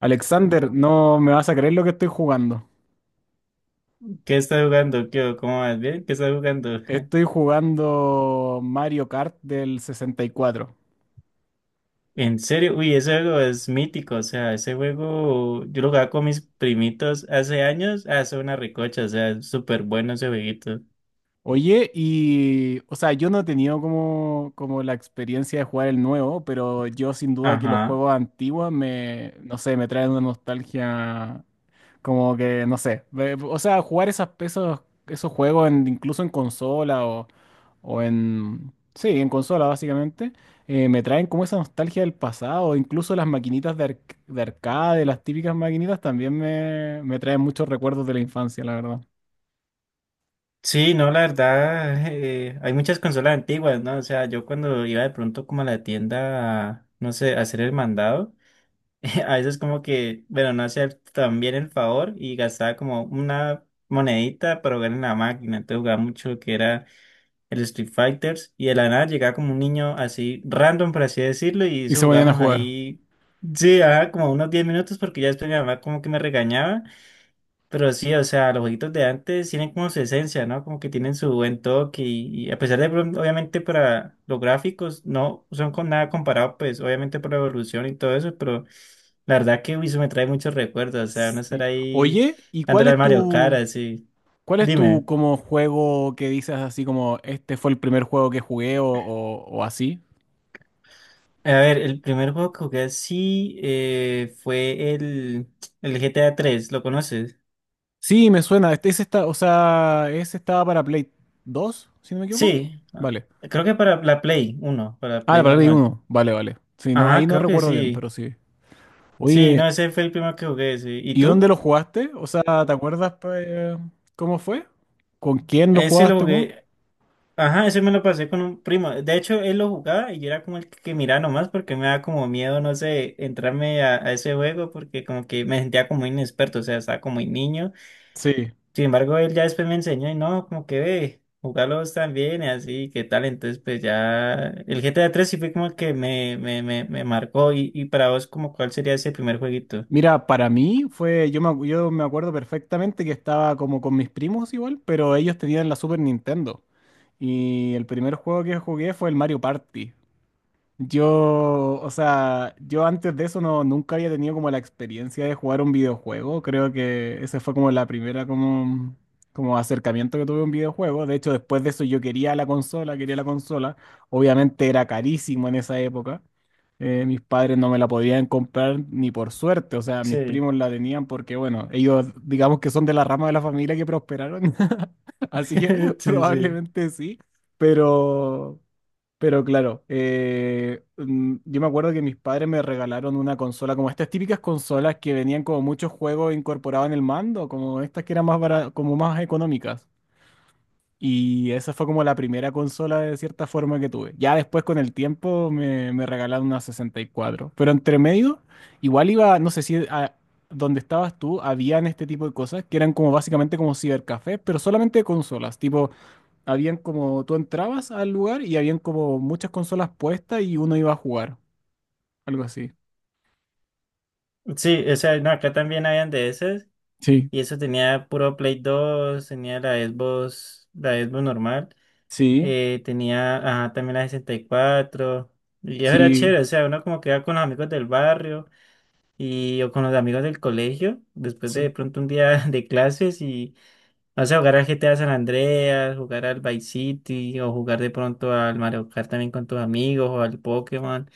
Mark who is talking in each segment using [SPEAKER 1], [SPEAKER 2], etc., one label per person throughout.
[SPEAKER 1] Alexander, no me vas a creer lo que estoy jugando.
[SPEAKER 2] ¿Qué estás jugando? ¿Qué? ¿O? ¿Cómo vas? ¿Bien? ¿Qué estás jugando?
[SPEAKER 1] Estoy jugando Mario Kart del 64.
[SPEAKER 2] En serio, uy, ese juego es mítico, o sea, ese juego yo lo jugaba con mis primitos hace años, hace una recocha, o sea, es súper bueno ese jueguito.
[SPEAKER 1] Oye, y, o sea, yo no he tenido como la experiencia de jugar el nuevo, pero yo sin duda que los
[SPEAKER 2] Ajá.
[SPEAKER 1] juegos antiguos me, no sé, me traen una nostalgia como que, no sé, o sea, jugar esos, incluso en consola o en, sí, en consola básicamente, me traen como esa nostalgia del pasado, incluso las maquinitas de, de arcade, las típicas maquinitas también me traen muchos recuerdos de la infancia, la verdad.
[SPEAKER 2] Sí, no, la verdad, hay muchas consolas antiguas, ¿no? O sea, yo cuando iba de pronto como a la tienda, no sé, a hacer el mandado, a veces como que, bueno, no hacía tan bien el favor y gastaba como una monedita para jugar en la máquina, entonces jugaba mucho lo que era el Street Fighters, y de la nada llegaba como un niño así, random, por así decirlo, y
[SPEAKER 1] Y
[SPEAKER 2] eso
[SPEAKER 1] se ponían a
[SPEAKER 2] jugamos
[SPEAKER 1] jugar.
[SPEAKER 2] ahí, sí, ajá, como unos 10 minutos, porque ya después mi mamá como que me regañaba, pero sí, o sea, los jueguitos de antes tienen como su esencia, ¿no? Como que tienen su buen toque, y a pesar de, pronto, obviamente, para los gráficos, no son con nada comparado, pues, obviamente por la evolución y todo eso, pero la verdad que uy, eso me trae muchos recuerdos, o sea, no estar
[SPEAKER 1] Sí.
[SPEAKER 2] ahí
[SPEAKER 1] Oye, ¿y cuál
[SPEAKER 2] dándole al
[SPEAKER 1] es
[SPEAKER 2] Mario Kart,
[SPEAKER 1] tu,
[SPEAKER 2] así.
[SPEAKER 1] cuál es tu
[SPEAKER 2] Dime.
[SPEAKER 1] como juego que dices así como este fue el primer juego que jugué o así?
[SPEAKER 2] A ver, el primer juego que jugué así, fue el GTA 3. ¿Lo conoces?
[SPEAKER 1] Sí, me suena. Este, ese está, o sea, ese estaba para Play dos, si no me equivoco.
[SPEAKER 2] Sí, ah,
[SPEAKER 1] Vale.
[SPEAKER 2] creo que para la Play 1, para
[SPEAKER 1] Ah,
[SPEAKER 2] Play
[SPEAKER 1] para Play
[SPEAKER 2] normal.
[SPEAKER 1] uno. Vale, vale. Sí, no, ahí
[SPEAKER 2] Ajá,
[SPEAKER 1] no
[SPEAKER 2] creo que
[SPEAKER 1] recuerdo bien,
[SPEAKER 2] sí.
[SPEAKER 1] pero sí.
[SPEAKER 2] Sí, no,
[SPEAKER 1] Oye,
[SPEAKER 2] ese fue el primero que jugué, sí. ¿Y
[SPEAKER 1] ¿y dónde
[SPEAKER 2] tú?
[SPEAKER 1] lo jugaste? O sea, ¿te acuerdas pues, cómo fue? ¿Con quién lo
[SPEAKER 2] Ese lo
[SPEAKER 1] jugaste, cómo?
[SPEAKER 2] jugué, ajá, ese me lo pasé con un primo. De hecho, él lo jugaba y yo era como el que miraba nomás porque me daba como miedo, no sé, entrarme a ese juego porque como que me sentía como inexperto, o sea, estaba como muy niño.
[SPEAKER 1] Sí.
[SPEAKER 2] Sin embargo, él ya después me enseñó y no, como que ve, jugarlos también y así, qué tal. Entonces, pues ya el GTA 3 sí fue como el que me marcó. Y para vos, como cuál sería ese primer jueguito?
[SPEAKER 1] Mira, para mí fue, yo me acuerdo perfectamente que estaba como con mis primos igual, pero ellos tenían la Super Nintendo. Y el primer juego que jugué fue el Mario Party. Yo, o sea, yo antes de eso no, nunca había tenido como la experiencia de jugar un videojuego. Creo que ese fue como la primera como acercamiento que tuve a un videojuego. De hecho, después de eso yo quería la consola, quería la consola. Obviamente era carísimo en esa época. Mis padres no me la podían comprar ni por suerte. O sea, mis
[SPEAKER 2] Sí.
[SPEAKER 1] primos la tenían porque, bueno, ellos digamos que son de la rama de la familia que prosperaron. Así que
[SPEAKER 2] Sí, sí.
[SPEAKER 1] probablemente sí. Pero... Pero claro, yo me acuerdo que mis padres me regalaron una consola, como estas típicas consolas que venían como muchos juegos incorporados en el mando, como estas que eran más como más económicas. Y esa fue como la primera consola de cierta forma que tuve. Ya después con el tiempo me regalaron una 64. Pero entre medio, igual iba, no sé si a donde estabas tú, habían este tipo de cosas que eran como básicamente como cibercafés, pero solamente de consolas, tipo habían como, tú entrabas al lugar y habían como muchas consolas puestas y uno iba a jugar, algo así.
[SPEAKER 2] Sí, o sea, no, acá también habían de esas.
[SPEAKER 1] Sí,
[SPEAKER 2] Y eso tenía puro Play 2, tenía la Xbox normal.
[SPEAKER 1] sí,
[SPEAKER 2] Tenía, ajá, también la 64. Y cuatro. Y eso era
[SPEAKER 1] sí,
[SPEAKER 2] chévere, o sea, uno como que iba con los amigos del barrio, y o con los amigos del colegio, después de
[SPEAKER 1] sí.
[SPEAKER 2] pronto un día de clases y no sé, jugar al GTA San Andreas, jugar al Vice City o jugar de pronto al Mario Kart también con tus amigos o al Pokémon.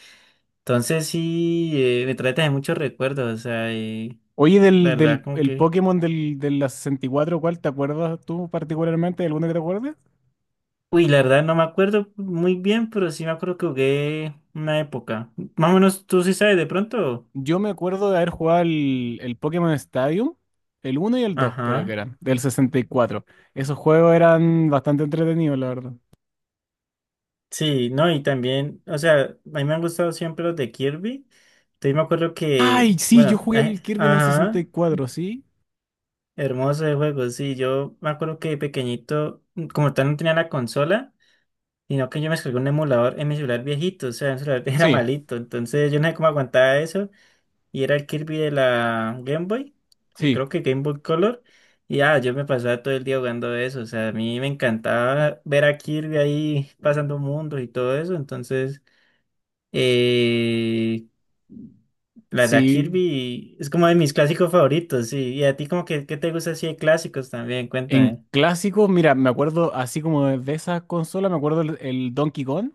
[SPEAKER 2] Entonces sí, me trae también muchos recuerdos, o sea,
[SPEAKER 1] Oye,
[SPEAKER 2] la
[SPEAKER 1] del,
[SPEAKER 2] verdad
[SPEAKER 1] del
[SPEAKER 2] como
[SPEAKER 1] el
[SPEAKER 2] que.
[SPEAKER 1] Pokémon del, de la 64. ¿Cuál te acuerdas tú particularmente? ¿Alguno que te acuerdes?
[SPEAKER 2] Uy, la verdad no me acuerdo muy bien, pero sí me acuerdo que jugué una época. Más o menos tú sí sabes de pronto.
[SPEAKER 1] Yo me acuerdo de haber jugado el, Pokémon Stadium, el uno y el 2 creo que
[SPEAKER 2] Ajá.
[SPEAKER 1] eran, del 64. Esos juegos eran bastante entretenidos, la verdad.
[SPEAKER 2] Sí, no, y también, o sea, a mí me han gustado siempre los de Kirby. Entonces me acuerdo que,
[SPEAKER 1] Ay, sí, yo
[SPEAKER 2] bueno,
[SPEAKER 1] jugué el Kirby en el sesenta
[SPEAKER 2] ajá,
[SPEAKER 1] y cuatro
[SPEAKER 2] hermoso de juego, sí, yo me acuerdo que de pequeñito, como tal no tenía la consola, sino que yo me descargué un emulador en mi celular viejito, o sea, mi celular era
[SPEAKER 1] Sí,
[SPEAKER 2] malito, entonces yo no sé cómo aguantaba eso, y era el Kirby de la Game Boy, y
[SPEAKER 1] sí,
[SPEAKER 2] creo que Game Boy Color, y ah, yo me pasaba todo el día jugando eso, o sea, a mí me encantaba ver a Kirby ahí pasando mundos y todo eso, entonces. Eh, la verdad,
[SPEAKER 1] sí. Sí.
[SPEAKER 2] Kirby es como de mis clásicos favoritos, sí. Y a ti como que, ¿qué te gusta así de clásicos también?
[SPEAKER 1] En
[SPEAKER 2] Cuéntame.
[SPEAKER 1] clásicos, mira, me acuerdo así como de esas consolas, me acuerdo el Donkey Kong,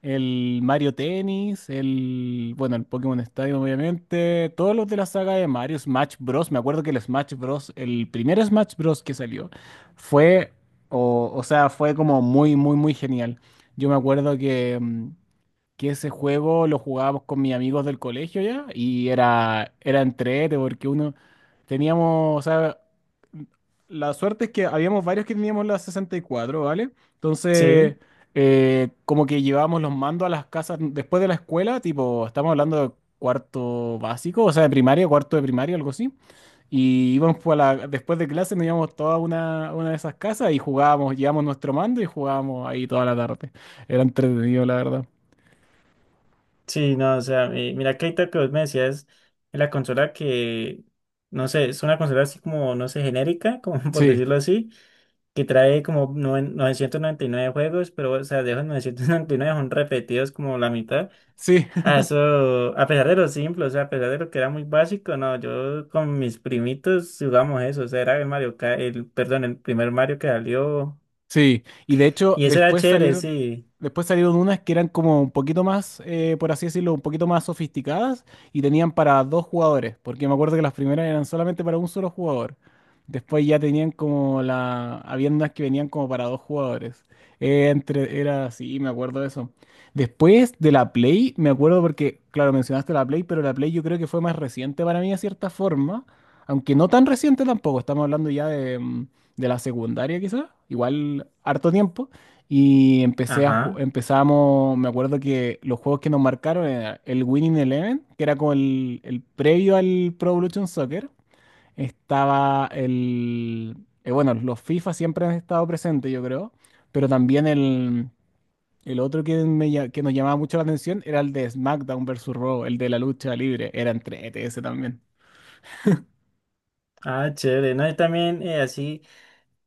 [SPEAKER 1] el Mario Tennis, el, bueno, el Pokémon Stadium, obviamente, todos los de la saga de Mario, Smash Bros. Me acuerdo que el Smash Bros., el primer Smash Bros. Que salió, fue, o sea, fue como muy, muy, muy genial. Yo me acuerdo que que ese juego lo jugábamos con mis amigos del colegio ya y era, era entrete porque uno teníamos, o sea, la suerte es que habíamos varios que teníamos la 64, ¿vale? Entonces,
[SPEAKER 2] Sí,
[SPEAKER 1] como que llevábamos los mandos a las casas después de la escuela, tipo, estamos hablando de cuarto básico, o sea, de primaria, cuarto de primaria, algo así. Y íbamos pues, a la, después de clase, nos íbamos toda una de esas casas y jugábamos, llevábamos nuestro mando y jugábamos ahí toda la tarde. Era entretenido, la verdad.
[SPEAKER 2] sí, no, o sea, mira que ahorita que vos me decías, la consola que, no sé, es una consola así como, no sé, genérica, como por
[SPEAKER 1] Sí.
[SPEAKER 2] decirlo así, que trae como 999 juegos, pero, o sea, de esos 999 son repetidos como la mitad.
[SPEAKER 1] Sí,
[SPEAKER 2] Ah, eso, a pesar de lo simple, o sea, a pesar de lo que era muy básico, no, yo con mis primitos jugamos eso, o sea, era el Mario, perdón, el primer Mario que salió,
[SPEAKER 1] sí. Y de hecho,
[SPEAKER 2] y eso era
[SPEAKER 1] después
[SPEAKER 2] chévere,
[SPEAKER 1] salieron,
[SPEAKER 2] sí,
[SPEAKER 1] después salieron unas que eran como un poquito más, por así decirlo, un poquito más sofisticadas y tenían para dos jugadores, porque me acuerdo que las primeras eran solamente para un solo jugador. Después ya tenían como habían unas que venían como para dos jugadores. Era así, me acuerdo de eso. Después de la Play, me acuerdo porque, claro, mencionaste la Play, pero la Play yo creo que fue más reciente para mí de cierta forma, aunque no tan reciente tampoco, estamos hablando ya de... de la secundaria quizás, igual harto tiempo, y
[SPEAKER 2] ajá,
[SPEAKER 1] empezamos, me acuerdo que los juegos que nos marcaron era el Winning Eleven, que era como el previo al Pro Evolution Soccer, estaba bueno, los FIFA siempre han estado presentes, yo creo, pero también el, el otro que nos llamaba mucho la atención era el de SmackDown versus Raw, el de la lucha libre, era entre ETS también.
[SPEAKER 2] ah, chévere, no, yo también, así,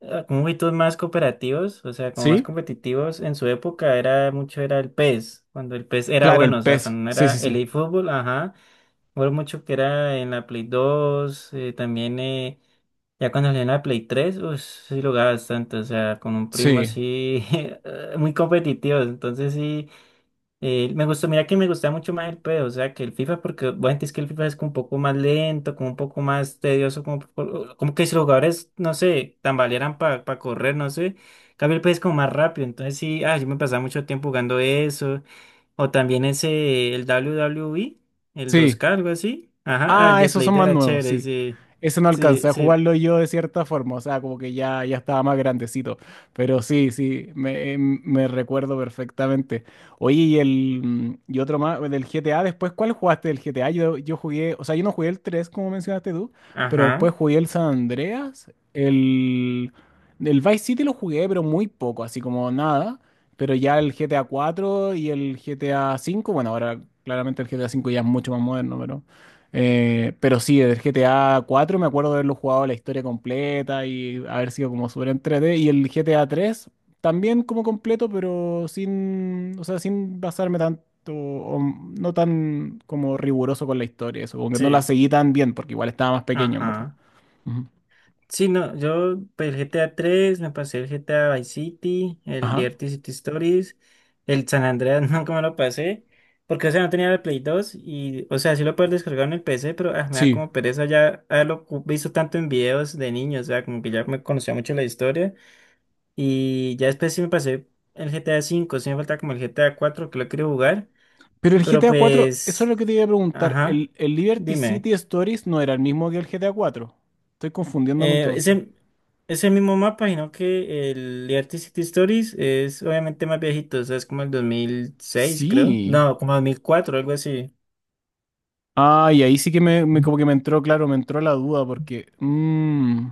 [SPEAKER 2] con jueguitos más cooperativos, o sea, como más
[SPEAKER 1] ¿Sí?
[SPEAKER 2] competitivos, en su época era mucho, era el PES, cuando el PES era
[SPEAKER 1] Claro, el
[SPEAKER 2] bueno, o sea,
[SPEAKER 1] peso,
[SPEAKER 2] cuando no
[SPEAKER 1] sí,
[SPEAKER 2] era
[SPEAKER 1] sí,
[SPEAKER 2] el
[SPEAKER 1] sí,
[SPEAKER 2] eFootball, ajá. Fue mucho que era en la Play 2, también. Ya cuando salió en la Play 3, pues sí lo jugaba bastante, o sea, con un primo
[SPEAKER 1] sí,
[SPEAKER 2] así, muy competitivo, entonces sí, me gustó, mira que me gustaba mucho más el PES, o sea, que el FIFA, porque bueno, es que el FIFA es como un poco más lento, como un poco más tedioso, como, como que si los jugadores, no sé, tambalearan para correr, no sé, en cambio el PES es como más rápido, entonces sí, ah, yo me pasaba mucho tiempo jugando eso, o también ese, el W W WWE, el dos
[SPEAKER 1] sí.
[SPEAKER 2] k algo así, ajá, ah, el
[SPEAKER 1] Ah,
[SPEAKER 2] de
[SPEAKER 1] esos
[SPEAKER 2] Play
[SPEAKER 1] son
[SPEAKER 2] de
[SPEAKER 1] más
[SPEAKER 2] era
[SPEAKER 1] nuevos,
[SPEAKER 2] chévere,
[SPEAKER 1] sí.
[SPEAKER 2] sí,
[SPEAKER 1] Ese no
[SPEAKER 2] sí,
[SPEAKER 1] alcancé a
[SPEAKER 2] sí,
[SPEAKER 1] jugarlo yo de cierta forma, o sea, como que ya, ya estaba más grandecito. Pero sí, sí, me recuerdo perfectamente. Oye, y otro más, el del GTA, después, ¿cuál jugaste del GTA? Yo jugué, o sea, yo no jugué el 3 como mencionaste tú, pero
[SPEAKER 2] ajá.
[SPEAKER 1] después jugué el San Andreas, el, Vice City lo jugué, pero muy poco, así como nada. Pero ya el GTA 4 y el GTA 5. Bueno, ahora claramente el GTA 5 ya es mucho más moderno, pero. Pero sí, del GTA 4 me acuerdo de haberlo jugado la historia completa y haber sido como súper entrete. Y el GTA 3 también como completo, pero sin, o sea, sin basarme tanto, o no tan como riguroso con la historia, eso, como que no la
[SPEAKER 2] Sí,
[SPEAKER 1] seguí tan bien, porque igual estaba más pequeño, en verdad.
[SPEAKER 2] ajá.
[SPEAKER 1] Ujú.
[SPEAKER 2] Sí, no, yo pues, el GTA 3 me pasé, el GTA Vice City, el
[SPEAKER 1] Ajá.
[SPEAKER 2] Liberty City Stories, el San Andreas nunca me lo pasé, porque o sea, no tenía el Play 2 y, o sea, sí lo puedo descargar en el PC, pero ah, me da
[SPEAKER 1] Sí.
[SPEAKER 2] como pereza ya haberlo visto tanto en videos de niños, o sea, como que ya me conocía mucho la historia y ya después sí me pasé el GTA 5. Sí, me falta como el GTA 4 que lo quiero jugar,
[SPEAKER 1] Pero el
[SPEAKER 2] pero
[SPEAKER 1] GTA 4, eso es lo
[SPEAKER 2] pues,
[SPEAKER 1] que te iba a preguntar.
[SPEAKER 2] ajá,
[SPEAKER 1] ¿El Liberty
[SPEAKER 2] dime.
[SPEAKER 1] City Stories no era el mismo que el GTA 4? Estoy confundiéndolo
[SPEAKER 2] Eh,
[SPEAKER 1] entonces.
[SPEAKER 2] ese, ese mismo mapa, sino que el Liberty City Stories es obviamente más viejito, o sea, es como el 2006, creo.
[SPEAKER 1] Sí.
[SPEAKER 2] No, como 2004, algo así.
[SPEAKER 1] Ah, y ahí sí que como que me entró, claro, me entró la duda porque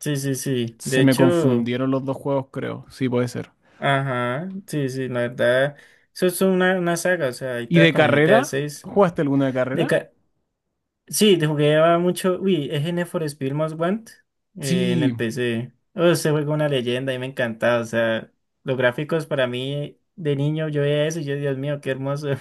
[SPEAKER 2] Sí, sí, sí.
[SPEAKER 1] se
[SPEAKER 2] De
[SPEAKER 1] me
[SPEAKER 2] hecho,
[SPEAKER 1] confundieron los dos juegos, creo. Sí, puede ser.
[SPEAKER 2] ajá, sí, sí, la verdad. Eso es una saga, o sea,
[SPEAKER 1] ¿Y
[SPEAKER 2] ahorita
[SPEAKER 1] de
[SPEAKER 2] con el G T A
[SPEAKER 1] carrera?
[SPEAKER 2] seis,
[SPEAKER 1] ¿Jugaste alguna de
[SPEAKER 2] De
[SPEAKER 1] carrera?
[SPEAKER 2] ca- sí, de jugué mucho. Uy, es en for Speed Most Want, en
[SPEAKER 1] Sí.
[SPEAKER 2] el P C. Oh, ese juego es una leyenda y me encantaba, o sea, los gráficos para mí de niño, yo veía eso y yo, Dios mío, qué hermoso.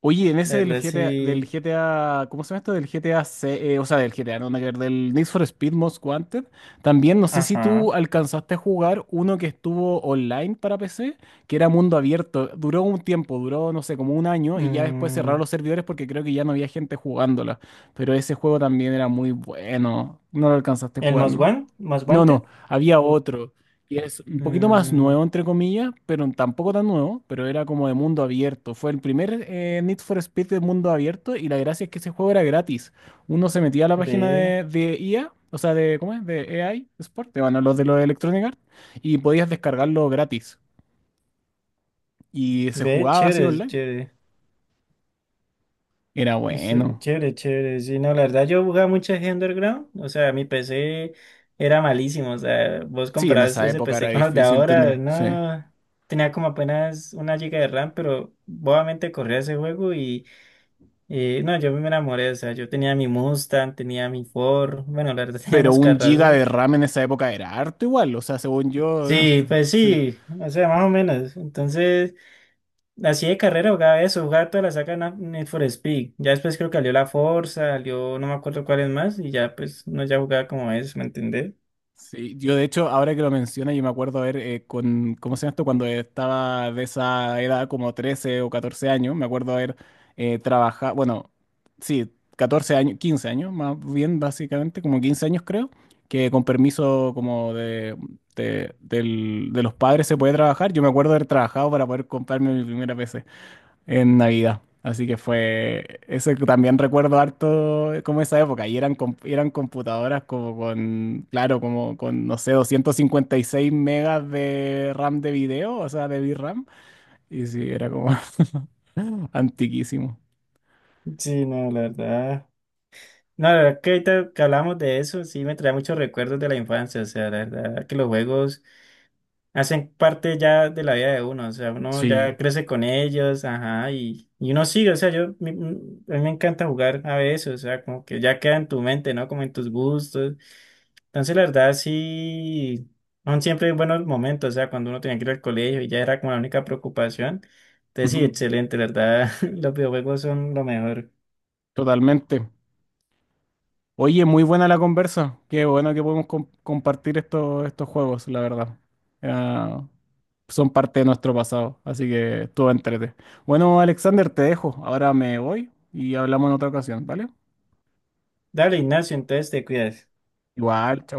[SPEAKER 1] Oye, en
[SPEAKER 2] La
[SPEAKER 1] ese
[SPEAKER 2] verdad
[SPEAKER 1] del GTA,
[SPEAKER 2] sí.
[SPEAKER 1] del GTA, ¿cómo se llama esto? Del GTA, o sea, del GTA, no, nada que ver, del Need for Speed Most Wanted. También, no sé si tú
[SPEAKER 2] Ajá.
[SPEAKER 1] alcanzaste a jugar uno que estuvo online para PC, que era mundo abierto. Duró un tiempo, duró, no sé, como un año y ya después cerraron
[SPEAKER 2] Mm,
[SPEAKER 1] los servidores porque creo que ya no había gente jugándola. Pero ese juego también era muy bueno. No lo alcanzaste a
[SPEAKER 2] el
[SPEAKER 1] jugar, ¿no?
[SPEAKER 2] Most
[SPEAKER 1] No, no,
[SPEAKER 2] Wanted.
[SPEAKER 1] había otro. Y es un poquito más
[SPEAKER 2] Mm,
[SPEAKER 1] nuevo, entre comillas, pero tampoco tan nuevo, pero era como de mundo abierto. Fue el primer Need for Speed de mundo abierto y la gracia es que ese juego era gratis. Uno se metía a la página
[SPEAKER 2] ve,
[SPEAKER 1] de, IA, o sea, de, ¿cómo es? De AI Sport, de, bueno, los de los Electronic Arts, y podías descargarlo gratis. Y se
[SPEAKER 2] ve,
[SPEAKER 1] jugaba así
[SPEAKER 2] chévere, es
[SPEAKER 1] online.
[SPEAKER 2] chévere.
[SPEAKER 1] Era
[SPEAKER 2] Es,
[SPEAKER 1] bueno.
[SPEAKER 2] chévere, chévere. Sí, no, la verdad yo jugaba mucho G Underground. O sea, mi PC era malísimo. O sea, vos
[SPEAKER 1] Sí, en
[SPEAKER 2] comparás
[SPEAKER 1] esa
[SPEAKER 2] ese
[SPEAKER 1] época era
[SPEAKER 2] PC con los de
[SPEAKER 1] difícil
[SPEAKER 2] ahora.
[SPEAKER 1] tenerlo, sí.
[SPEAKER 2] No. Tenía como apenas una giga de RAM, pero bobamente corría ese juego y no, yo me enamoré. O sea, yo tenía mi Mustang, tenía mi Ford. Bueno, la verdad tenía
[SPEAKER 1] Pero
[SPEAKER 2] unos
[SPEAKER 1] un giga
[SPEAKER 2] carrazos.
[SPEAKER 1] de RAM en esa época era harto igual, o sea, según yo,
[SPEAKER 2] Sí, pues
[SPEAKER 1] sí.
[SPEAKER 2] sí, o sea, más o menos. Entonces, así de carrera jugaba eso, jugaba toda la saga Need for Speed. Ya después creo que salió la Forza, salió no me acuerdo cuáles más, y ya pues no ya jugaba como eso, ¿me entendés?
[SPEAKER 1] Sí, yo de hecho, ahora que lo menciona, yo me acuerdo ver con, ¿cómo se llama esto? Cuando estaba de esa edad, como 13 o 14 años, me acuerdo haber trabajado, bueno, sí, 14 años, 15 años, más bien básicamente, como 15 años creo, que con permiso como de los padres se puede trabajar. Yo me acuerdo haber trabajado para poder comprarme mi primera PC en Navidad. Así que fue, eso que también recuerdo harto como esa época, y eran, eran computadoras como con, claro, como con, no sé, 256 megas de RAM de video, o sea, de VRAM, y sí, era como antiquísimo.
[SPEAKER 2] Sí, no, la verdad. No, la verdad que ahorita que hablamos de eso, sí me trae muchos recuerdos de la infancia, o sea, la verdad que los juegos hacen parte ya de la vida de uno, o sea, uno
[SPEAKER 1] Sí,
[SPEAKER 2] ya crece con ellos, ajá, y uno sigue, o sea, yo, a mí me encanta jugar a veces, o sea, como que ya queda en tu mente, ¿no? Como en tus gustos. Entonces, la verdad, sí, son siempre buenos momentos, o sea, cuando uno tenía que ir al colegio y ya era como la única preocupación. Entonces, sí,
[SPEAKER 1] Ujú.
[SPEAKER 2] excelente, la verdad, los videojuegos son lo mejor.
[SPEAKER 1] Totalmente. Oye, muy buena la conversa, qué bueno que podemos compartir estos juegos, la verdad. Era son parte de nuestro pasado, así que estuvo entrete. Bueno, Alexander, te dejo, ahora me voy y hablamos en otra ocasión, ¿vale?
[SPEAKER 2] Dale, Ignacio, entonces te cuidas.
[SPEAKER 1] Igual, chao.